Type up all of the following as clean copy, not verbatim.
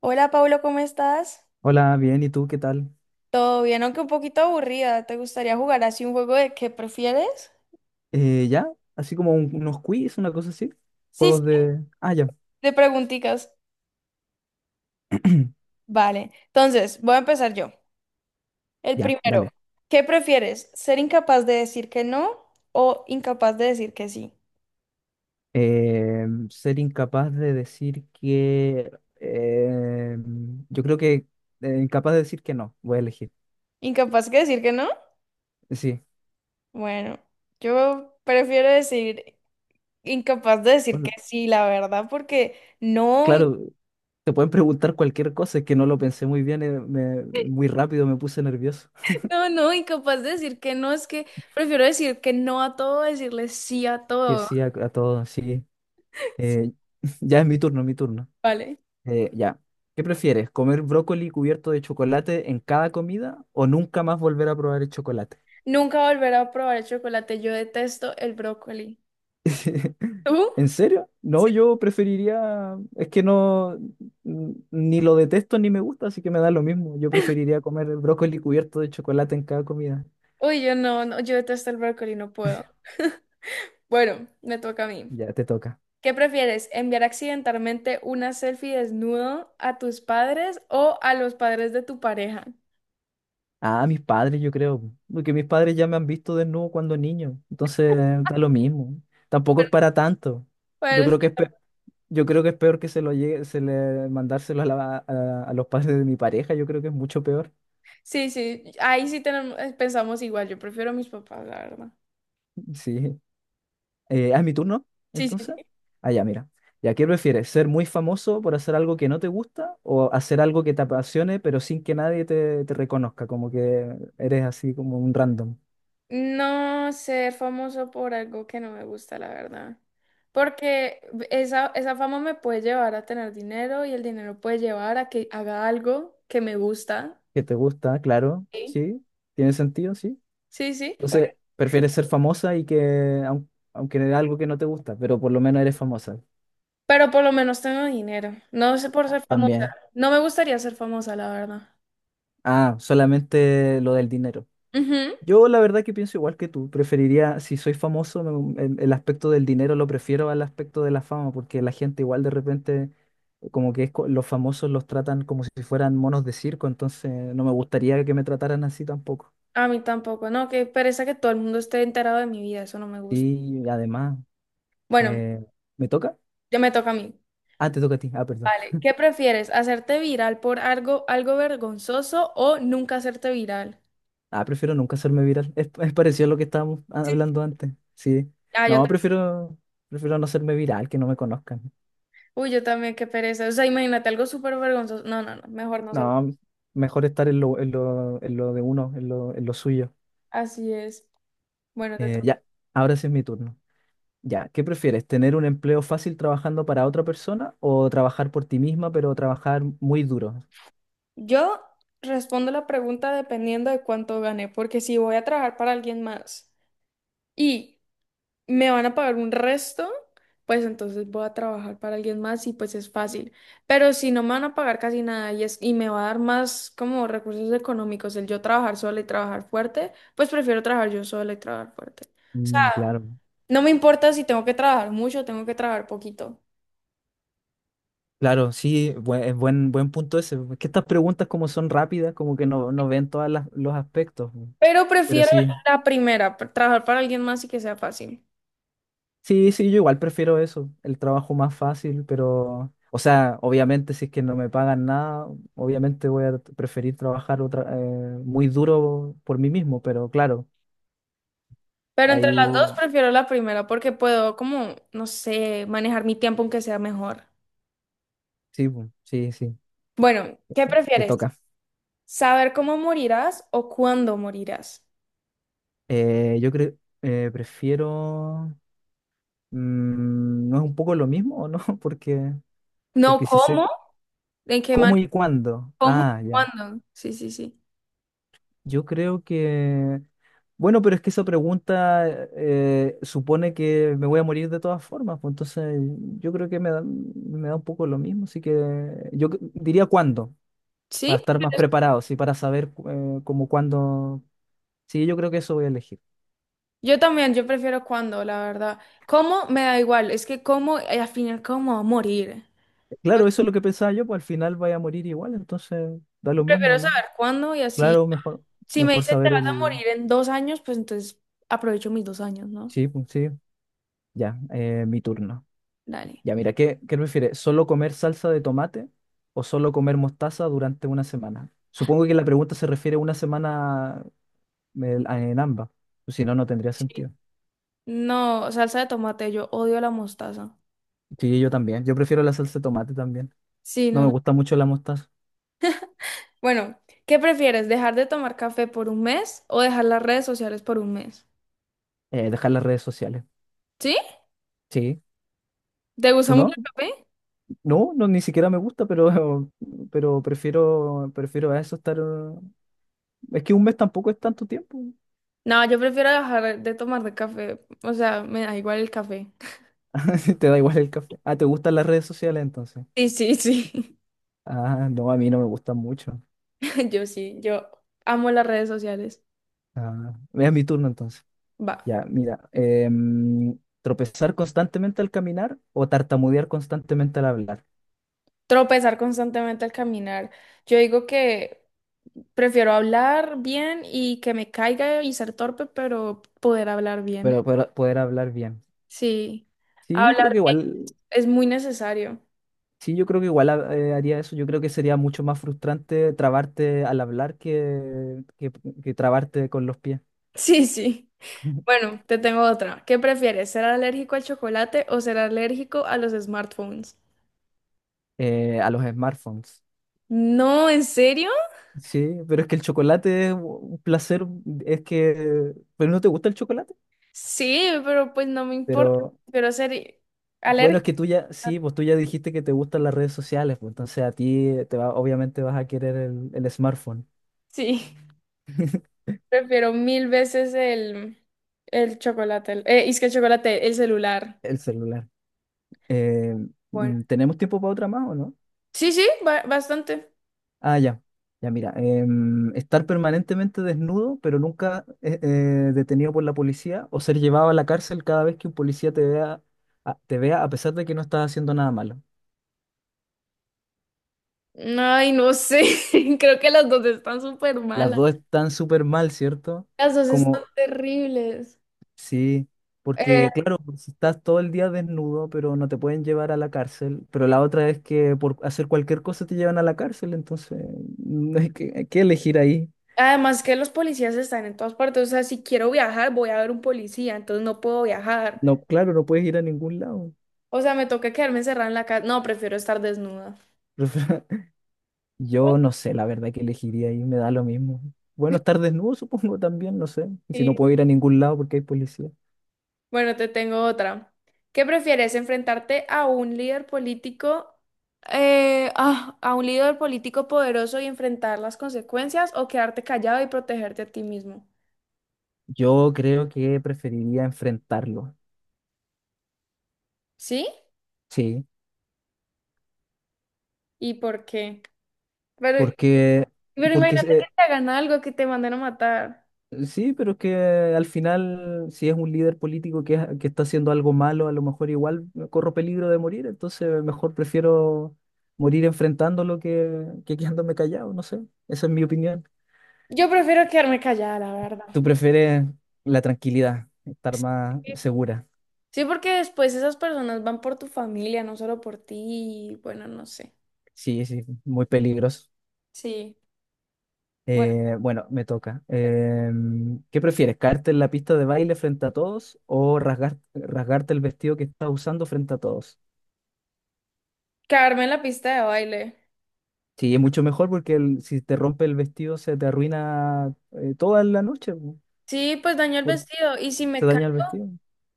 Hola Pablo, ¿cómo estás? Hola, bien, ¿y tú qué tal? Todo bien, aunque un poquito aburrida. ¿Te gustaría jugar así un juego de qué prefieres? ¿Ya? Así como unos quiz, una cosa así. Sí, sí, Juegos de... Ah, ya. de preguntitas. Vale, entonces voy a empezar yo. El Ya, primero, dale. ¿qué prefieres? ¿Ser incapaz de decir que no o incapaz de decir que sí? Ser incapaz de decir que... eh, yo creo que... incapaz de decir que no, voy a elegir. ¿Incapaz de decir que no? Sí. Bueno, yo prefiero decir incapaz de decir que Bueno, sí, la verdad, porque no, claro, te pueden preguntar cualquier cosa, es que no lo pensé muy bien, muy rápido me puse nervioso. no, no, incapaz de decir que no, es que prefiero decir que no a todo, decirle sí a Que todo. sí, a todos, sí. Eh, ya es mi turno. Vale. Ya. ¿Qué prefieres? ¿Comer brócoli cubierto de chocolate en cada comida o nunca más volver a probar el chocolate? Nunca volveré a probar el chocolate. Yo detesto el brócoli. ¿Tú? ¿En serio? No, Sí. yo preferiría, es que ni lo detesto ni me gusta, así que me da lo mismo. Yo preferiría comer el brócoli cubierto de chocolate en cada comida. Uy, yo no, no, yo detesto el brócoli, no puedo. Bueno, me toca a mí. Ya te toca. ¿Qué prefieres? ¿Enviar accidentalmente una selfie desnudo a tus padres o a los padres de tu pareja? Ah, mis padres, yo creo, porque mis padres ya me han visto desnudo cuando niño, entonces da lo mismo. Tampoco es para tanto. Yo Pues creo que es peor Yo creo que es peor que se lo llegue, se le mandárselo a, a los padres de mi pareja, yo creo que es mucho peor. sí, sí, ahí sí tenemos, pensamos igual. Yo prefiero a mis papás, la verdad. Sí. ¿Es mi turno? Sí, Entonces. sí, Ah, ya, mira. Ya, ¿qué prefieres? ¿Ser muy famoso por hacer algo que no te gusta o hacer algo que te apasione pero sin que nadie te reconozca? Como que eres así como un random. no ser famoso por algo que no me gusta, la verdad. Porque esa fama me puede llevar a tener dinero y el dinero puede llevar a que haga algo que me gusta. Que te gusta, claro, Sí, sí. Tiene sentido, sí. sí, sí. Bueno, Entonces, prefieres ser famosa aunque era algo que no te gusta, pero por lo menos eres famosa. pero por lo menos tengo dinero. No sé por Ah, ser famosa. también. No me gustaría ser famosa, la verdad. Ah, solamente lo del dinero. Ujú. Yo la verdad que pienso igual que tú, preferiría, si soy famoso, el aspecto del dinero lo prefiero al aspecto de la fama, porque la gente igual de repente, como que los famosos los tratan como si fueran monos de circo, entonces no me gustaría que me trataran así tampoco. A mí tampoco, no, que pereza que todo el mundo esté enterado de mi vida, eso no me gusta. Y además, Bueno, eh, ¿me toca? ya me toca a mí. Ah, te toca a ti, ah, perdón. Vale, ¿qué prefieres? ¿Hacerte viral por algo, algo vergonzoso o nunca hacerte viral? Ah, prefiero nunca hacerme viral, es parecido a lo que estábamos hablando antes, sí. Ah, yo No, también. prefiero, prefiero no hacerme viral, que no me conozcan. Uy, yo también, qué pereza. O sea, imagínate algo súper vergonzoso. No, no, no, mejor no salgo. No, mejor estar en lo de uno, en lo suyo. Así es. Bueno, te Eh, toca. ya, ahora sí es mi turno. Ya, ¿qué prefieres? ¿Tener un empleo fácil trabajando para otra persona o trabajar por ti misma, pero trabajar muy duro? Yo respondo la pregunta dependiendo de cuánto gané, porque si voy a trabajar para alguien más y me van a pagar un resto, pues entonces voy a trabajar para alguien más y pues es fácil. Pero si no me van a pagar casi nada y, es, y me va a dar más como recursos económicos el yo trabajar sola y trabajar fuerte, pues prefiero trabajar yo sola y trabajar fuerte. O sea, Mm, claro. no me importa si tengo que trabajar mucho o tengo que trabajar poquito, Claro, sí, buen punto ese. Porque estas preguntas como son rápidas, como que no ven todos los aspectos. pero Pero prefiero sí, la primera, trabajar para alguien más y que sea fácil. Sí, yo igual prefiero eso, el trabajo más fácil, pero, o sea, obviamente si es que no me pagan nada, obviamente preferir trabajar otra, muy duro por mí mismo, pero claro, Pero entre ahí las dos prefiero la primera porque puedo, como, no sé, manejar mi tiempo aunque sea mejor. sí, sí, Bueno, ¿qué te prefieres? toca. ¿Saber cómo morirás o cuándo morirás? Yo creo, prefiero, mm, ¿no es un poco lo mismo o no? No porque si sé cómo, en qué cómo manera, y cuándo, cómo, ah, ya. cuándo. Sí, sí, sí. Yo creo que... Bueno, pero es que esa pregunta supone que me voy a morir de todas formas, pues entonces yo creo que me da un poco lo mismo, así que diría cuándo, para Sí, estar más prefieres- preparado, sí, para saber como cuándo, sí, yo creo que eso voy a elegir. yo también, yo prefiero cuándo, la verdad. ¿Cómo? Me da igual, es que cómo, al final, cómo voy a morir. Claro, eso es lo que pensaba yo, pues al final voy a morir igual, entonces da lo Prefiero mismo, ¿no? saber cuándo y así. Claro, mejor, Si me mejor dice te saber vas a el... morir en dos años, pues entonces aprovecho mis dos años, ¿no? Sí, pues, sí, ya, mi turno. Dale. Ya, mira, qué prefieres? ¿Solo comer salsa de tomate o solo comer mostaza durante una semana? Supongo que la pregunta se refiere a una semana en ambas. Pues si no, no tendría Sí. sentido. No, salsa de tomate, yo odio la mostaza. Sí, yo también. Yo prefiero la salsa de tomate también. Sí, No no, me no. gusta mucho la mostaza. Bueno, ¿qué prefieres? ¿Dejar de tomar café por un mes o dejar las redes sociales por un mes? Dejar las redes sociales. ¿Sí? Sí. ¿Te gusta ¿Tú mucho no? el café? No, ni siquiera me gusta, pero, pero prefiero a eso estar. Es que un mes tampoco es tanto tiempo. No, yo prefiero dejar de tomar de café. O sea, me da igual el café. Te da igual el café. Ah, ¿te gustan las redes sociales entonces? Sí, sí, sí. Ah, no, a mí no me gustan mucho. Yo sí, yo amo las redes sociales. Ah, es mi turno entonces. Va. Ya, mira. Tropezar constantemente al caminar o tartamudear constantemente al hablar, Tropezar constantemente al caminar. Yo digo que prefiero hablar bien y que me caiga y ser torpe, pero poder hablar bien. pero poder hablar bien. Sí, Sí, yo creo hablar que bien igual, es muy necesario. sí, yo creo que igual haría eso. Yo creo que sería mucho más frustrante trabarte al hablar que trabarte con los pies. Sí, sí. Bueno, te tengo otra. ¿Qué prefieres, ser alérgico al chocolate o ser alérgico a los smartphones? A los smartphones. No, ¿en serio? Sí, pero es que el chocolate es un placer, es que, pero no te gusta el chocolate, Sí, pero pues no me importa. pero Prefiero ser bueno, alérgico. es que tú ya, sí, pues tú ya dijiste que te gustan las redes sociales, pues entonces a ti te va, obviamente vas a querer el smartphone, Sí, prefiero mil veces el chocolate. Es que el chocolate, el celular. el celular. Eh, Bueno. ¿Tenemos tiempo para otra más o no? Sí, sí, bastante. Ah, ya, ya mira, estar permanentemente desnudo, pero nunca detenido por la policía, o ser llevado a la cárcel cada vez que un policía te vea, te vea a pesar de que no estás haciendo nada malo. Ay, no sé. Creo que las dos están súper Las malas. dos están súper mal, ¿cierto? Las dos están Como terribles. sí, Eh, porque claro, pues, estás todo el día desnudo, pero no te pueden llevar a la cárcel. Pero la otra es que por hacer cualquier cosa te llevan a la cárcel, entonces no hay hay que elegir ahí. Además que los policías están en todas partes. O sea, si quiero viajar, voy a ver un policía, entonces no puedo viajar. No, claro, no puedes ir a ningún lado. O sea, me toca quedarme encerrada en la casa. No, prefiero estar desnuda. Yo no sé, la verdad que elegiría ahí, me da lo mismo. Bueno, estar desnudo supongo también, no sé. Si Sí. no puedo ir a ningún lado porque hay policía. Bueno, te tengo otra. ¿Qué prefieres, enfrentarte a un líder político, a un líder político poderoso y enfrentar las consecuencias o quedarte callado y protegerte a ti mismo? Yo creo que preferiría enfrentarlo, ¿Sí? sí, ¿Y por qué? Pero porque, Pero porque imagínate que te hagan algo, que te manden a matar. sí, pero es que al final, si es un líder político que está haciendo algo malo, a lo mejor igual corro peligro de morir, entonces mejor prefiero morir enfrentándolo que quedándome callado, no sé. Esa es mi opinión. Yo prefiero quedarme callada, la verdad. ¿Tú prefieres la tranquilidad, estar más Sí, segura? sí, porque después esas personas van por tu familia, no solo por ti. Y bueno, no sé. Sí, sí, muy peligroso. Sí. Bueno, Bueno, me toca. Em, ¿qué prefieres, caerte en la pista de baile frente a todos o rasgarte el vestido que estás usando frente a todos? quedarme en la pista de baile. Sí, es mucho mejor porque si te rompe el vestido se te arruina toda la noche, po, Sí, pues daño el por- vestido. Se daña el vestido.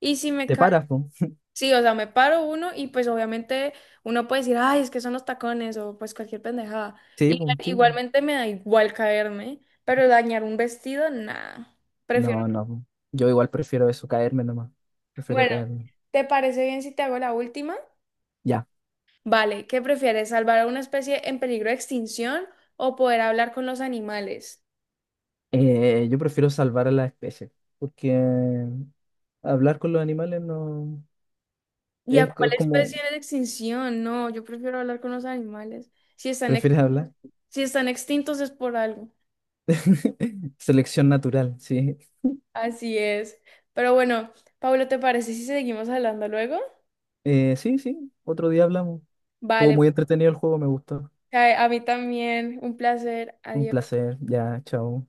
Y si me Te cae. paras, po. Sí, o sea, me paro uno y pues obviamente uno puede decir, ay, es que son los tacones o pues cualquier pendejada. Sí, Y po, sí. Po. igualmente me da igual caerme, pero dañar un vestido, nada. Prefiero. No, no. Po. Yo igual prefiero eso, caerme nomás. Prefiero Bueno, caerme. ¿te parece bien si te hago la última? Ya. Vale, ¿qué prefieres, salvar a una especie en peligro de extinción o poder hablar con los animales? Yo prefiero salvar a la especie, porque hablar con los animales no ¿Y a cuál es como, especie en extinción? No, yo prefiero hablar con los animales. Prefieres hablar. Si están extintos es por algo. Selección natural, sí. Así es. Pero bueno, Pablo, ¿te parece si seguimos hablando luego? Sí, sí, otro día hablamos. Estuvo Vale, muy entretenido el juego, me gustó. pues, a mí también, un placer. Un Adiós. placer. Ya, chao.